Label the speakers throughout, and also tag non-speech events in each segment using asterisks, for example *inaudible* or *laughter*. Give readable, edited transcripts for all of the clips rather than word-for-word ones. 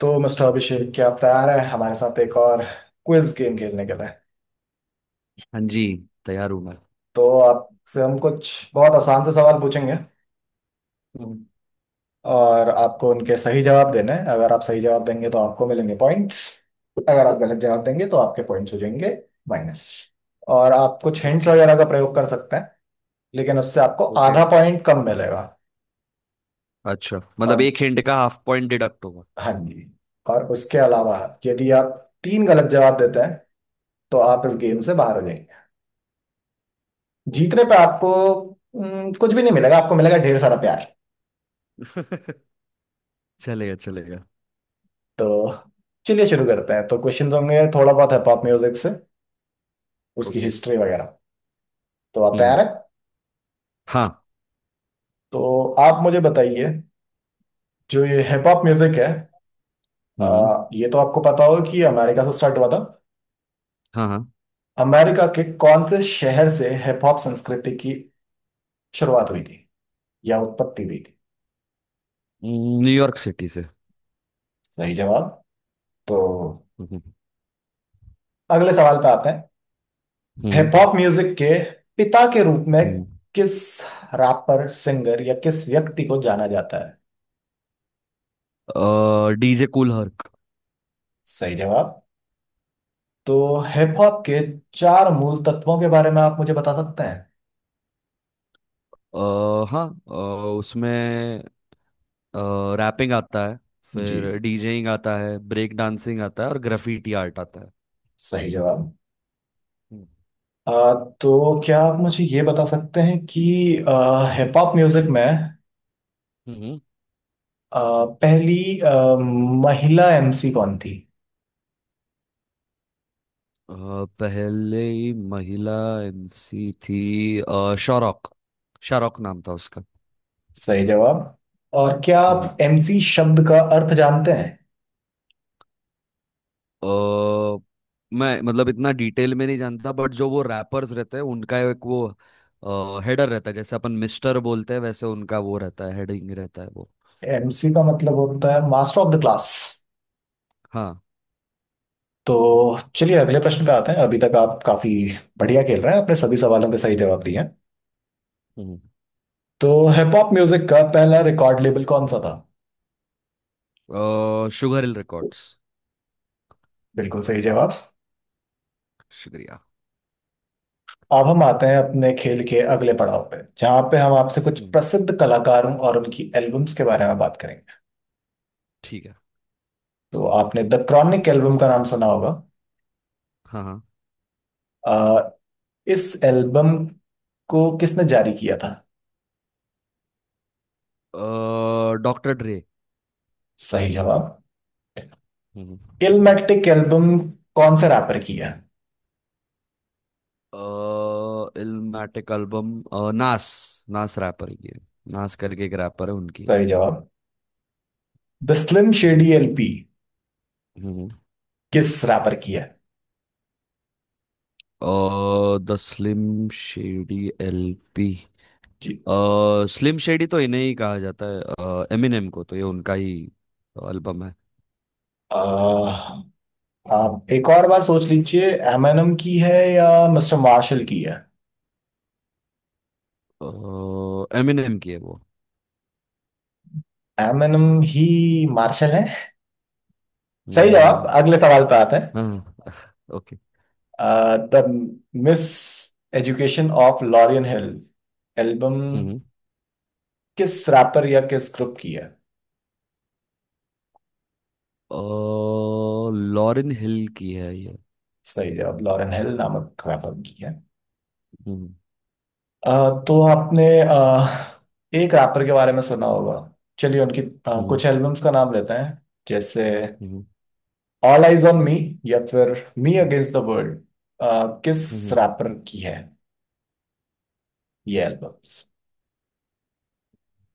Speaker 1: तो मिस्टर अभिषेक क्या आप तैयार हैं हमारे साथ एक और क्विज गेम खेलने के लिए।
Speaker 2: हाँ जी, तैयार हूँ मैं।
Speaker 1: तो आपसे हम कुछ बहुत आसान से सवाल पूछेंगे
Speaker 2: हम्म।
Speaker 1: और आपको उनके सही जवाब देने हैं। अगर आप सही जवाब देंगे तो आपको मिलेंगे पॉइंट्स। अगर आप गलत जवाब देंगे तो आपके पॉइंट्स हो जाएंगे माइनस। और आप कुछ हिंट्स
Speaker 2: ओके।
Speaker 1: वगैरह का प्रयोग कर सकते हैं लेकिन उससे आपको
Speaker 2: ओके।
Speaker 1: आधा पॉइंट कम मिलेगा।
Speaker 2: अच्छा, मतलब
Speaker 1: और
Speaker 2: एक हिंट का हाफ पॉइंट डिडक्ट होगा।
Speaker 1: हाँ जी। और उसके अलावा
Speaker 2: ओके।
Speaker 1: यदि आप तीन गलत जवाब देते हैं तो आप इस
Speaker 2: हम्म।
Speaker 1: गेम से बाहर हो जाएंगे। जीतने
Speaker 2: ओके।
Speaker 1: पे आपको कुछ भी नहीं मिलेगा। आपको मिलेगा ढेर सारा प्यार।
Speaker 2: *laughs* चलेगा चलेगा।
Speaker 1: तो चलिए शुरू करते हैं। तो क्वेश्चंस होंगे थोड़ा बहुत है पॉप म्यूजिक से, उसकी
Speaker 2: ओके।
Speaker 1: हिस्ट्री वगैरह। तो आप
Speaker 2: हम्म।
Speaker 1: तैयार है?
Speaker 2: हाँ।
Speaker 1: तो आप मुझे बताइए, जो ये हिप हॉप म्यूजिक है,
Speaker 2: हम्म।
Speaker 1: ये तो आपको पता होगा कि ये अमेरिका से स्टार्ट हुआ था।
Speaker 2: हाँ हाँ।
Speaker 1: अमेरिका के कौन से शहर से हिप हॉप संस्कृति की शुरुआत हुई थी या उत्पत्ति हुई थी?
Speaker 2: न्यूयॉर्क सिटी से।
Speaker 1: सही जवाब। तो
Speaker 2: हम्म।
Speaker 1: अगले सवाल पे आते हैं।
Speaker 2: हम्म।
Speaker 1: हिप हॉप म्यूजिक के पिता के रूप में किस रैपर सिंगर या किस व्यक्ति को जाना जाता है?
Speaker 2: हम्म, डीजे कूल हर्क।
Speaker 1: सही जवाब। तो हिप हॉप के चार मूल तत्वों के बारे में आप मुझे बता सकते हैं?
Speaker 2: अ, हाँ, उसमें रैपिंग आता है,
Speaker 1: जी,
Speaker 2: फिर डीजेइंग आता है, ब्रेक डांसिंग आता है और ग्राफिटी आर्ट आता है।
Speaker 1: सही जवाब। आ, तो क्या आप मुझे ये बता सकते हैं कि हिप हॉप म्यूजिक में
Speaker 2: हम्म,
Speaker 1: पहली महिला एमसी कौन थी?
Speaker 2: अ, पहले ही महिला एमसी थी, शारोक। शारोक नाम था उसका।
Speaker 1: सही जवाब। और क्या
Speaker 2: हम्म।
Speaker 1: आप एमसी शब्द का अर्थ जानते हैं?
Speaker 2: अ, मैं मतलब इतना डिटेल में नहीं जानता, बट जो वो रैपर्स रहते हैं उनका एक वो हेडर रहता है, जैसे अपन मिस्टर बोलते हैं वैसे उनका वो रहता है, हेडिंग रहता है वो।
Speaker 1: एमसी का मतलब होता है मास्टर ऑफ द क्लास।
Speaker 2: हाँ।
Speaker 1: तो चलिए अगले प्रश्न पे आते हैं। अभी तक आप काफी बढ़िया खेल रहे हैं। आपने सभी सवालों के सही जवाब दिए हैं।
Speaker 2: हम्म।
Speaker 1: तो हिप हॉप म्यूजिक का पहला रिकॉर्ड लेबल कौन सा था?
Speaker 2: Sugar Hill Records.
Speaker 1: बिल्कुल सही जवाब।
Speaker 2: शुक्रिया।
Speaker 1: अब हम आते हैं अपने खेल के अगले पड़ाव पे जहाँ पे हम आपसे कुछ
Speaker 2: हम्म,
Speaker 1: प्रसिद्ध कलाकारों और उनकी एल्बम्स के बारे में बात करेंगे।
Speaker 2: ठीक है।
Speaker 1: तो आपने द क्रॉनिक एल्बम का नाम सुना होगा।
Speaker 2: हाँ हाँ।
Speaker 1: अ, इस एल्बम को किसने जारी किया था?
Speaker 2: डॉक्टर ड्रे।
Speaker 1: सही जवाब।
Speaker 2: हम्म, शुक्रिया।
Speaker 1: इलमेटिक एल्बम कौन से रैपर की है?
Speaker 2: अ इल्मेटिक एल्बम नास। नास रैपर की है। नास करके एक रैपर है, उनकी है।
Speaker 1: सही जवाब। द स्लिम
Speaker 2: हम्म।
Speaker 1: शेडी एलपी
Speaker 2: हम्म।
Speaker 1: किस रैपर की है?
Speaker 2: The Slim Shady LP.
Speaker 1: Ji,
Speaker 2: slim Shady तो इन्हें ही कहा जाता है, एमिनेम को, तो ये उनका ही एल्बम है।
Speaker 1: अह, आप एक और बार सोच लीजिए एमएनएम की है या मिस्टर मार्शल की है।
Speaker 2: एमिनेम की है वो।
Speaker 1: एमएनएम ही मार्शल है। सही जवाब,
Speaker 2: हम्म।
Speaker 1: अगले सवाल पे आते हैं।
Speaker 2: हाँ। *laughs* Okay.
Speaker 1: The Miseducation of Lauryn Hill album
Speaker 2: हम्म।
Speaker 1: किस रैपर या किस ग्रुप की है?
Speaker 2: अ, लॉरेन हिल की है ये।
Speaker 1: सही जवाब, लॉरेन हिल नामक रैपर की है।
Speaker 2: हम्म।
Speaker 1: तो आपने एक रैपर के बारे में सुना होगा। चलिए उनकी
Speaker 2: हम्म।
Speaker 1: कुछ एल्बम्स का नाम लेते हैं। जैसे
Speaker 2: हम्म।
Speaker 1: ऑल आइज ऑन मी या फिर मी अगेंस्ट द वर्ल्ड किस
Speaker 2: हम्म।
Speaker 1: रैपर की है ये एल्बम्स?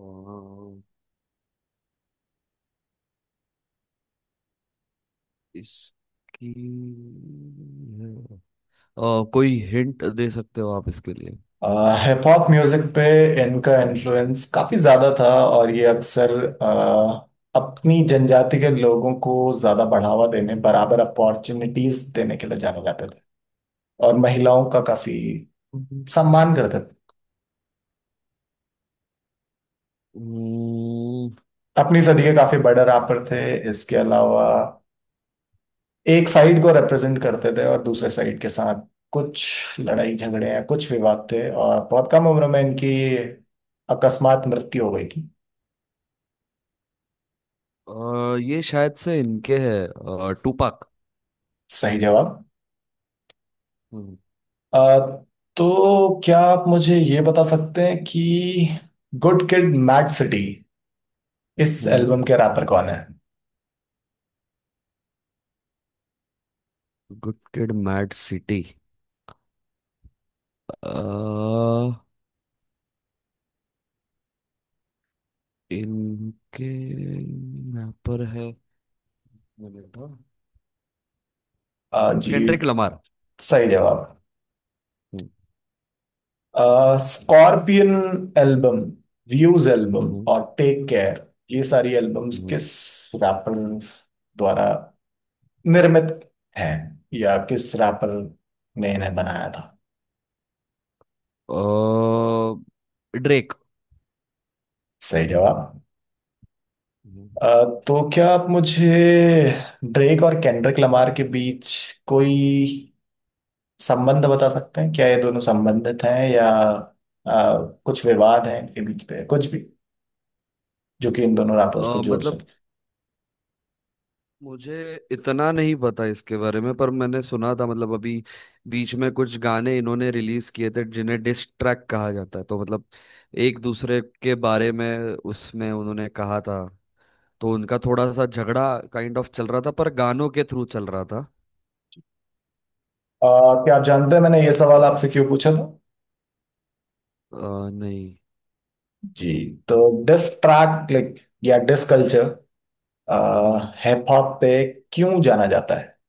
Speaker 2: हम्म। इसकी अ, कोई हिंट दे सकते हो आप इसके लिए?
Speaker 1: हिप हॉप म्यूजिक पे इनका इन्फ्लुएंस काफी ज्यादा था और ये अक्सर uh, अपनी जनजाति के लोगों को ज्यादा बढ़ावा देने बराबर अपॉर्चुनिटीज देने के लिए जाने जाते थे और महिलाओं का काफी सम्मान करते थे।
Speaker 2: हम्म।
Speaker 1: अपनी सदी के काफी बड़े रैपर थे। इसके अलावा एक साइड को रिप्रेजेंट करते थे और दूसरे साइड के साथ कुछ लड़ाई झगड़े हैं, कुछ विवाद थे, और बहुत कम उम्र में इनकी अकस्मात मृत्यु हो गई थी।
Speaker 2: ये शायद से इनके है, टूपाक।
Speaker 1: सही जवाब। अ, तो क्या आप मुझे ये बता सकते हैं कि गुड किड मैड सिटी इस
Speaker 2: हम्म।
Speaker 1: एल्बम के रैपर कौन है?
Speaker 2: Good kid mad city? अ, इनके यहाँ पर है,
Speaker 1: जी,
Speaker 2: केंड्रिक लमार।
Speaker 1: सही जवाब।
Speaker 2: हम्म।
Speaker 1: स्कॉर्पियन एल्बम, व्यूज एल्बम
Speaker 2: हम्म।
Speaker 1: और टेक केयर, ये सारी एल्बम्स
Speaker 2: हम्म।
Speaker 1: किस रैपर द्वारा निर्मित है या किस रैपर ने इन्हें बनाया था?
Speaker 2: ड्रेक।
Speaker 1: सही जवाब।
Speaker 2: हम्म।
Speaker 1: अ, तो क्या आप मुझे ड्रेक और केंड्रिक लमार के बीच कोई संबंध बता सकते हैं? क्या ये दोनों संबंधित हैं या कुछ विवाद हैं इनके बीच पे, कुछ भी जो कि इन दोनों रैपर्स को जोड़
Speaker 2: मतलब
Speaker 1: सकते हैं।
Speaker 2: मुझे इतना नहीं पता इसके बारे में, पर मैंने सुना था, मतलब अभी बीच में कुछ गाने इन्होंने रिलीज किए थे जिन्हें डिस ट्रैक कहा जाता है, तो मतलब एक दूसरे के बारे में उसमें उन्होंने कहा था, तो उनका थोड़ा सा झगड़ा काइंड ऑफ चल रहा था, पर गानों के थ्रू चल रहा था।
Speaker 1: क्या आप जानते हैं मैंने ये सवाल आपसे क्यों पूछा था?
Speaker 2: नहीं।
Speaker 1: जी। तो डिस ट्रैक लाइक या डिस कल्चर
Speaker 2: हम्म।
Speaker 1: हिप हॉप पे क्यों जाना जाता है?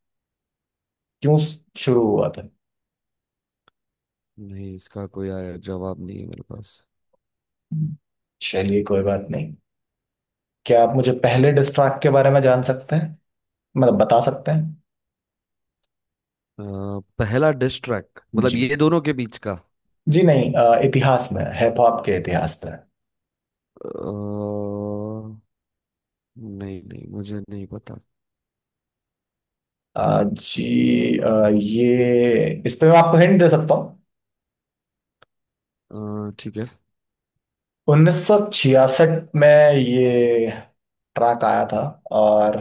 Speaker 1: क्यों शुरू हुआ था?
Speaker 2: नहीं, इसका कोई जवाब नहीं है मेरे पास।
Speaker 1: चलिए कोई बात नहीं, क्या आप मुझे पहले डिस्ट्रैक्ट के बारे में जान सकते हैं, मतलब बता सकते हैं?
Speaker 2: अ, पहला डिस ट्रैक मतलब
Speaker 1: जी।
Speaker 2: ये दोनों के बीच का?
Speaker 1: जी नहीं, इतिहास में हिप हॉप के इतिहास में।
Speaker 2: नहीं नहीं, मुझे नहीं पता।
Speaker 1: जी, ये इस पे मैं आपको हिंट दे सकता हूँ।
Speaker 2: ठीक है।
Speaker 1: 1966 में ये ट्रैक आया था और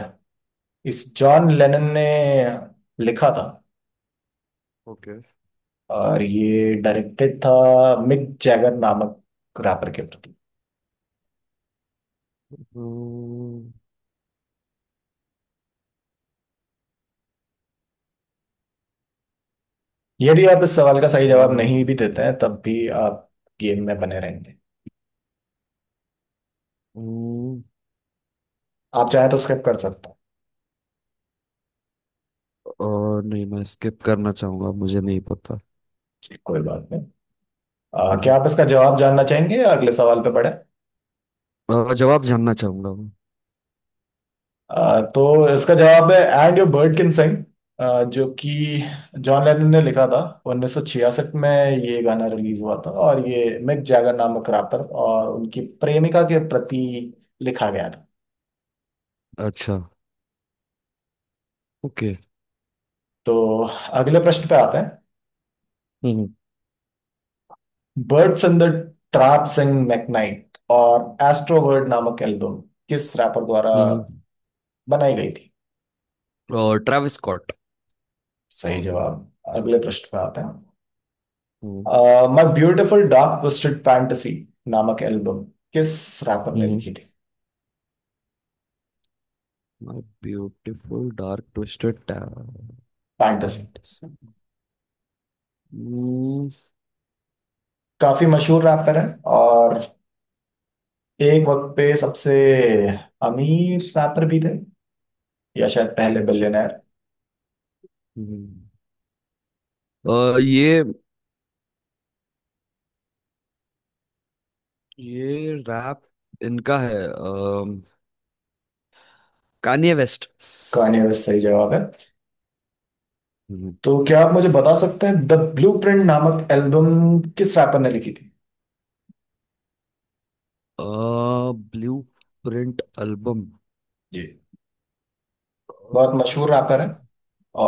Speaker 1: इस जॉन लेनन ने लिखा था
Speaker 2: ओके।
Speaker 1: और ये डायरेक्टेड था मिक जैगर नामक रैपर के प्रति।
Speaker 2: हम्म।
Speaker 1: यदि आप इस सवाल का सही जवाब नहीं
Speaker 2: नहीं।
Speaker 1: भी देते हैं तब भी आप गेम में बने रहेंगे।
Speaker 2: हम्म।
Speaker 1: आप चाहे तो स्किप कर सकते
Speaker 2: और नहीं, मैं स्किप करना चाहूंगा, मुझे नहीं पता।
Speaker 1: हैं, कोई बात नहीं। क्या
Speaker 2: हम्म।
Speaker 1: आप इसका जवाब जानना चाहेंगे या अगले सवाल पे बढ़े?
Speaker 2: जवाब जानना चाहूंगा मैं।
Speaker 1: तो इसका जवाब है and your bird can sing, जो कि जॉन लेनन ने लिखा था। 1966 में ये गाना रिलीज हुआ था और ये मिक जैगर नामक रैपर और उनकी प्रेमिका के प्रति लिखा गया था।
Speaker 2: अच्छा। ओके।
Speaker 1: तो अगले प्रश्न पे आते हैं।
Speaker 2: हम्म।
Speaker 1: Birds in the Trap Sing McKnight और एस्ट्रोवर्ड नामक एल्बम किस रैपर द्वारा
Speaker 2: हम्म।
Speaker 1: बनाई गई थी?
Speaker 2: और ट्रेविस स्कॉट।
Speaker 1: सही जवाब, अगले प्रश्न पे आते
Speaker 2: हम्म।
Speaker 1: हैं। My beautiful dark twisted fantasy नामक एल्बम किस रैपर ने
Speaker 2: हम्म।
Speaker 1: लिखी थी?
Speaker 2: My beautiful dark twisted talent.
Speaker 1: Fantasy,
Speaker 2: अच्छा। हम्म।
Speaker 1: काफी मशहूर रैपर है और एक वक्त पे सबसे अमीर रैपर भी थे, या शायद पहले बिलियनर।
Speaker 2: अ, ये ये रैप इनका है, कान्ये वेस्ट।
Speaker 1: कान्ये वेस्ट सही जवाब है। तो क्या आप मुझे बता सकते हैं द ब्लूप्रिंट नामक एल्बम किस रैपर ने लिखी थी?
Speaker 2: अ ब्लू प्रिंट एल्बम।
Speaker 1: जी, बहुत मशहूर रैपर है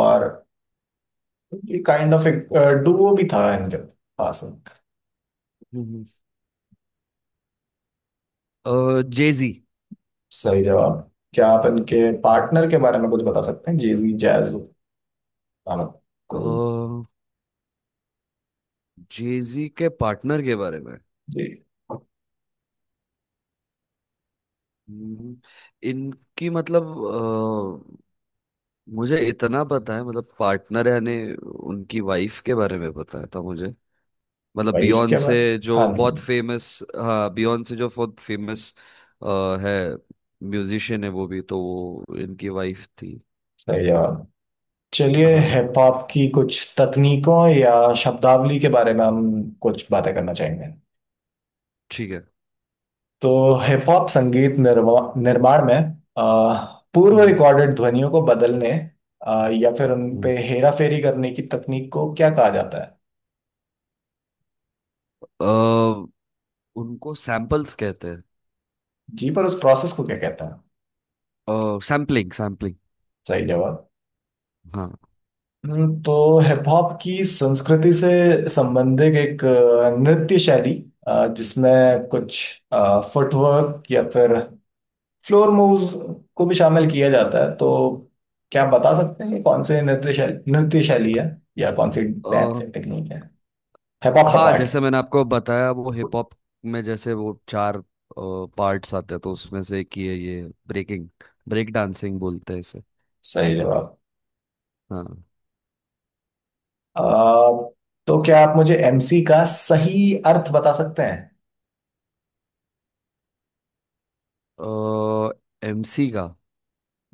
Speaker 1: और काइंड ऑफ एक डुओ भी था इनके पास।
Speaker 2: जेजी।
Speaker 1: सही जवाब, क्या आप इनके पार्टनर के बारे में कुछ बता सकते हैं? जेजी जैज कोई?
Speaker 2: जेजी के पार्टनर के बारे में?
Speaker 1: जी।
Speaker 2: हम्म। इनकी मतलब अ, मुझे इतना पता है, मतलब पार्टनर यानी उनकी वाइफ के बारे में पता था मुझे, मतलब
Speaker 1: वाइफ के
Speaker 2: बियॉन्ड से,
Speaker 1: बारे,
Speaker 2: जो
Speaker 1: हाँ जी।
Speaker 2: बहुत फेमस। हाँ, बियॉन्ड से जो बहुत फेमस है, म्यूजिशियन है वो, भी तो वो इनकी वाइफ थी।
Speaker 1: सही जवाब। चलिए हिप
Speaker 2: हाँ।
Speaker 1: हॉप की कुछ तकनीकों या शब्दावली के बारे में हम कुछ बातें करना चाहेंगे।
Speaker 2: ठीक है।
Speaker 1: तो हिप हॉप संगीत निर्माण में अ, पूर्व
Speaker 2: हम्म।
Speaker 1: रिकॉर्डेड ध्वनियों को बदलने या फिर उन पे हेरा फेरी करने की तकनीक को क्या कहा जाता है?
Speaker 2: अ, उनको सैंपल्स कहते हैं।
Speaker 1: जी, पर उस प्रोसेस को क्या कहता है?
Speaker 2: Sampling, sampling.
Speaker 1: सही जवाब।
Speaker 2: हाँ।
Speaker 1: तो हिप हॉप की संस्कृति से संबंधित एक नृत्य शैली जिसमें कुछ फुटवर्क या फिर फ्लोर मूव्स को भी शामिल किया जाता है, तो क्या आप बता सकते हैं कि कौन से नृत्य शैली है या कौन सी
Speaker 2: अ,
Speaker 1: डांसिंग टेक्निक है हिप हॉप का
Speaker 2: हाँ,
Speaker 1: पार्ट
Speaker 2: जैसे
Speaker 1: है?
Speaker 2: मैंने आपको बताया, वो हिप हॉप में जैसे वो चार पार्ट्स आते हैं, तो उसमें से एक ही है ये, ब्रेकिंग। ब्रेक डांसिंग बोलते हैं इसे।
Speaker 1: सही जवाब।
Speaker 2: हाँ।
Speaker 1: अ, तो क्या आप मुझे एमसी का सही अर्थ बता सकते हैं,
Speaker 2: एमसी का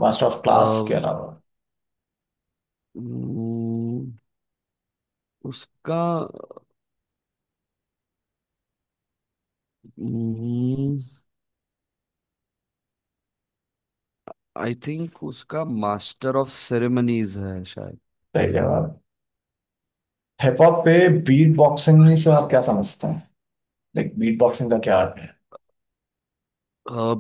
Speaker 1: मास्टर ऑफ क्लास
Speaker 2: अ,
Speaker 1: के अलावा?
Speaker 2: उम्म, उसका आई थिंक उसका मास्टर ऑफ सेरेमनीज है।
Speaker 1: सही जवाब। हिप हॉप पे बीट बॉक्सिंग से आप क्या समझते हैं? लाइक बीट बॉक्सिंग का क्या अर्थ है?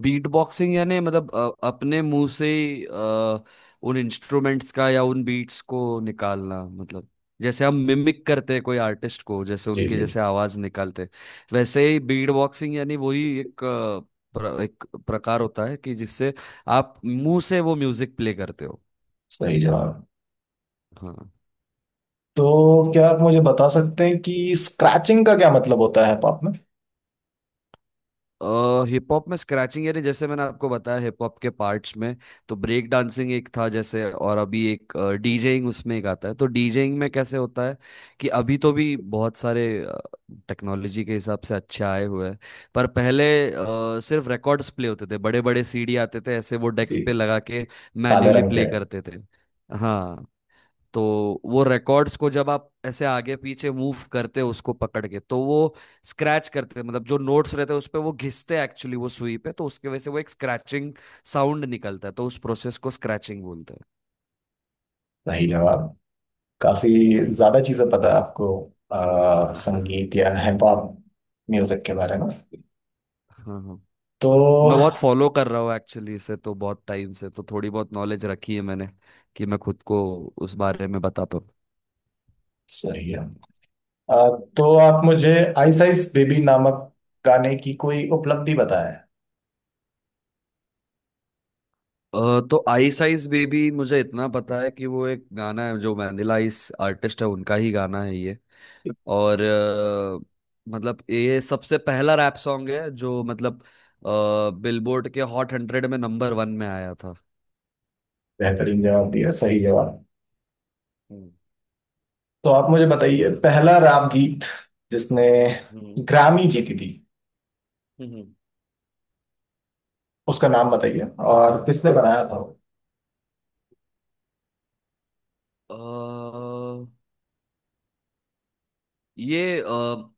Speaker 2: बीट बॉक्सिंग यानी मतलब अपने मुंह से ही उन इंस्ट्रूमेंट्स का या उन बीट्स को निकालना, मतलब जैसे हम मिमिक करते हैं कोई आर्टिस्ट को, जैसे
Speaker 1: जी
Speaker 2: उनकी
Speaker 1: जी जी,
Speaker 2: जैसे आवाज निकालते हैं, वैसे ही बीट बॉक्सिंग, यानी वही एक एक प्रकार होता है कि जिससे आप मुंह से वो म्यूजिक प्ले करते हो।
Speaker 1: सही जवाब।
Speaker 2: हाँ।
Speaker 1: तो क्या आप मुझे बता सकते हैं कि स्क्रैचिंग का क्या मतलब होता है हिप हॉप में?
Speaker 2: हिप हॉप में स्क्रैचिंग यानी जैसे मैंने आपको बताया हिप हॉप के पार्ट्स में, तो ब्रेक डांसिंग एक था जैसे, और अभी एक डीजेइंग उसमें एक आता है, तो डीजेइंग में कैसे होता है कि अभी तो भी बहुत सारे टेक्नोलॉजी के हिसाब से अच्छे आए हुए हैं, पर पहले सिर्फ रिकॉर्ड्स प्ले होते थे, बड़े बड़े सीडी आते थे ऐसे, वो डेस्क पे
Speaker 1: जी,
Speaker 2: लगा के
Speaker 1: काले
Speaker 2: मैन्युअली
Speaker 1: रंग के
Speaker 2: प्ले
Speaker 1: है।
Speaker 2: करते थे। हाँ, तो वो रिकॉर्ड्स को जब आप ऐसे आगे पीछे मूव करते हो उसको पकड़ के, तो वो स्क्रैच करते, मतलब जो नोट्स रहते हैं उस पे वो घिसते एक्चुअली, वो सुई पे, तो उसके वजह से वो एक स्क्रैचिंग साउंड निकलता है, तो उस प्रोसेस को स्क्रैचिंग बोलते हैं।
Speaker 1: सही जवाब। काफी
Speaker 2: हम्म।
Speaker 1: ज्यादा चीजें पता है आपको
Speaker 2: *laughs* हाँ।
Speaker 1: संगीत या हिप हॉप म्यूजिक के बारे में।
Speaker 2: हाँ,
Speaker 1: तो
Speaker 2: मैं बहुत फॉलो कर रहा हूँ एक्चुअली इसे तो बहुत टाइम से, तो थोड़ी बहुत नॉलेज रखी है मैंने कि मैं खुद को उस बारे में बता पाऊँ।
Speaker 1: सही है। आ, तो आप मुझे आइस आइस बेबी नामक गाने की कोई उपलब्धि बताएं।
Speaker 2: तो आइस आइस बेबी, मुझे इतना पता है कि वो एक गाना है, जो वैनिला आइस आर्टिस्ट है उनका ही गाना है ये, और मतलब ये सबसे पहला रैप सॉन्ग है जो मतलब बिलबोर्ड के हॉट 100 में नंबर 1 में आया था।
Speaker 1: बेहतरीन जवाब दिया, सही जवाब।
Speaker 2: हम्म।
Speaker 1: तो आप मुझे बताइए, पहला राग गीत जिसने
Speaker 2: हम्म।
Speaker 1: ग्रामी जीती थी,
Speaker 2: हम्म।
Speaker 1: उसका नाम बताइए और किसने बनाया था वो?
Speaker 2: अ, ये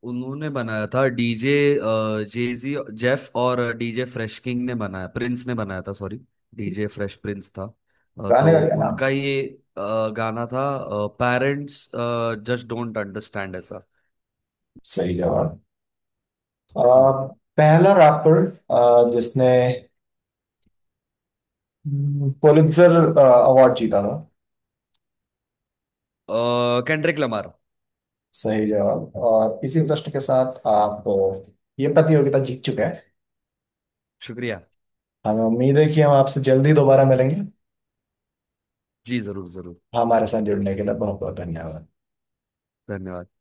Speaker 2: उन्होंने बनाया था, डीजे जेजी जेफ और डीजे फ्रेश किंग ने बनाया, प्रिंस ने बनाया था, सॉरी, डीजे फ्रेश प्रिंस था।
Speaker 1: गाने का
Speaker 2: तो
Speaker 1: क्या नाम
Speaker 2: उनका
Speaker 1: था?
Speaker 2: ये गाना था पेरेंट्स जस्ट डोंट अंडरस्टैंड ऐसा।
Speaker 1: सही जवाब। आ,
Speaker 2: हम्म।
Speaker 1: पहला रैपर जिसने पुलित्जर अवार्ड जीता था?
Speaker 2: Kendrick Lamar.
Speaker 1: सही जवाब, और इसी प्रश्न के साथ आप ये प्रतियोगिता जीत चुके हैं।
Speaker 2: शुक्रिया।
Speaker 1: हमें उम्मीद है कि हम आपसे जल्दी दोबारा मिलेंगे।
Speaker 2: जी जरूर जरूर।
Speaker 1: हाँ, हमारे साथ जुड़ने के लिए बहुत बहुत धन्यवाद।
Speaker 2: धन्यवाद।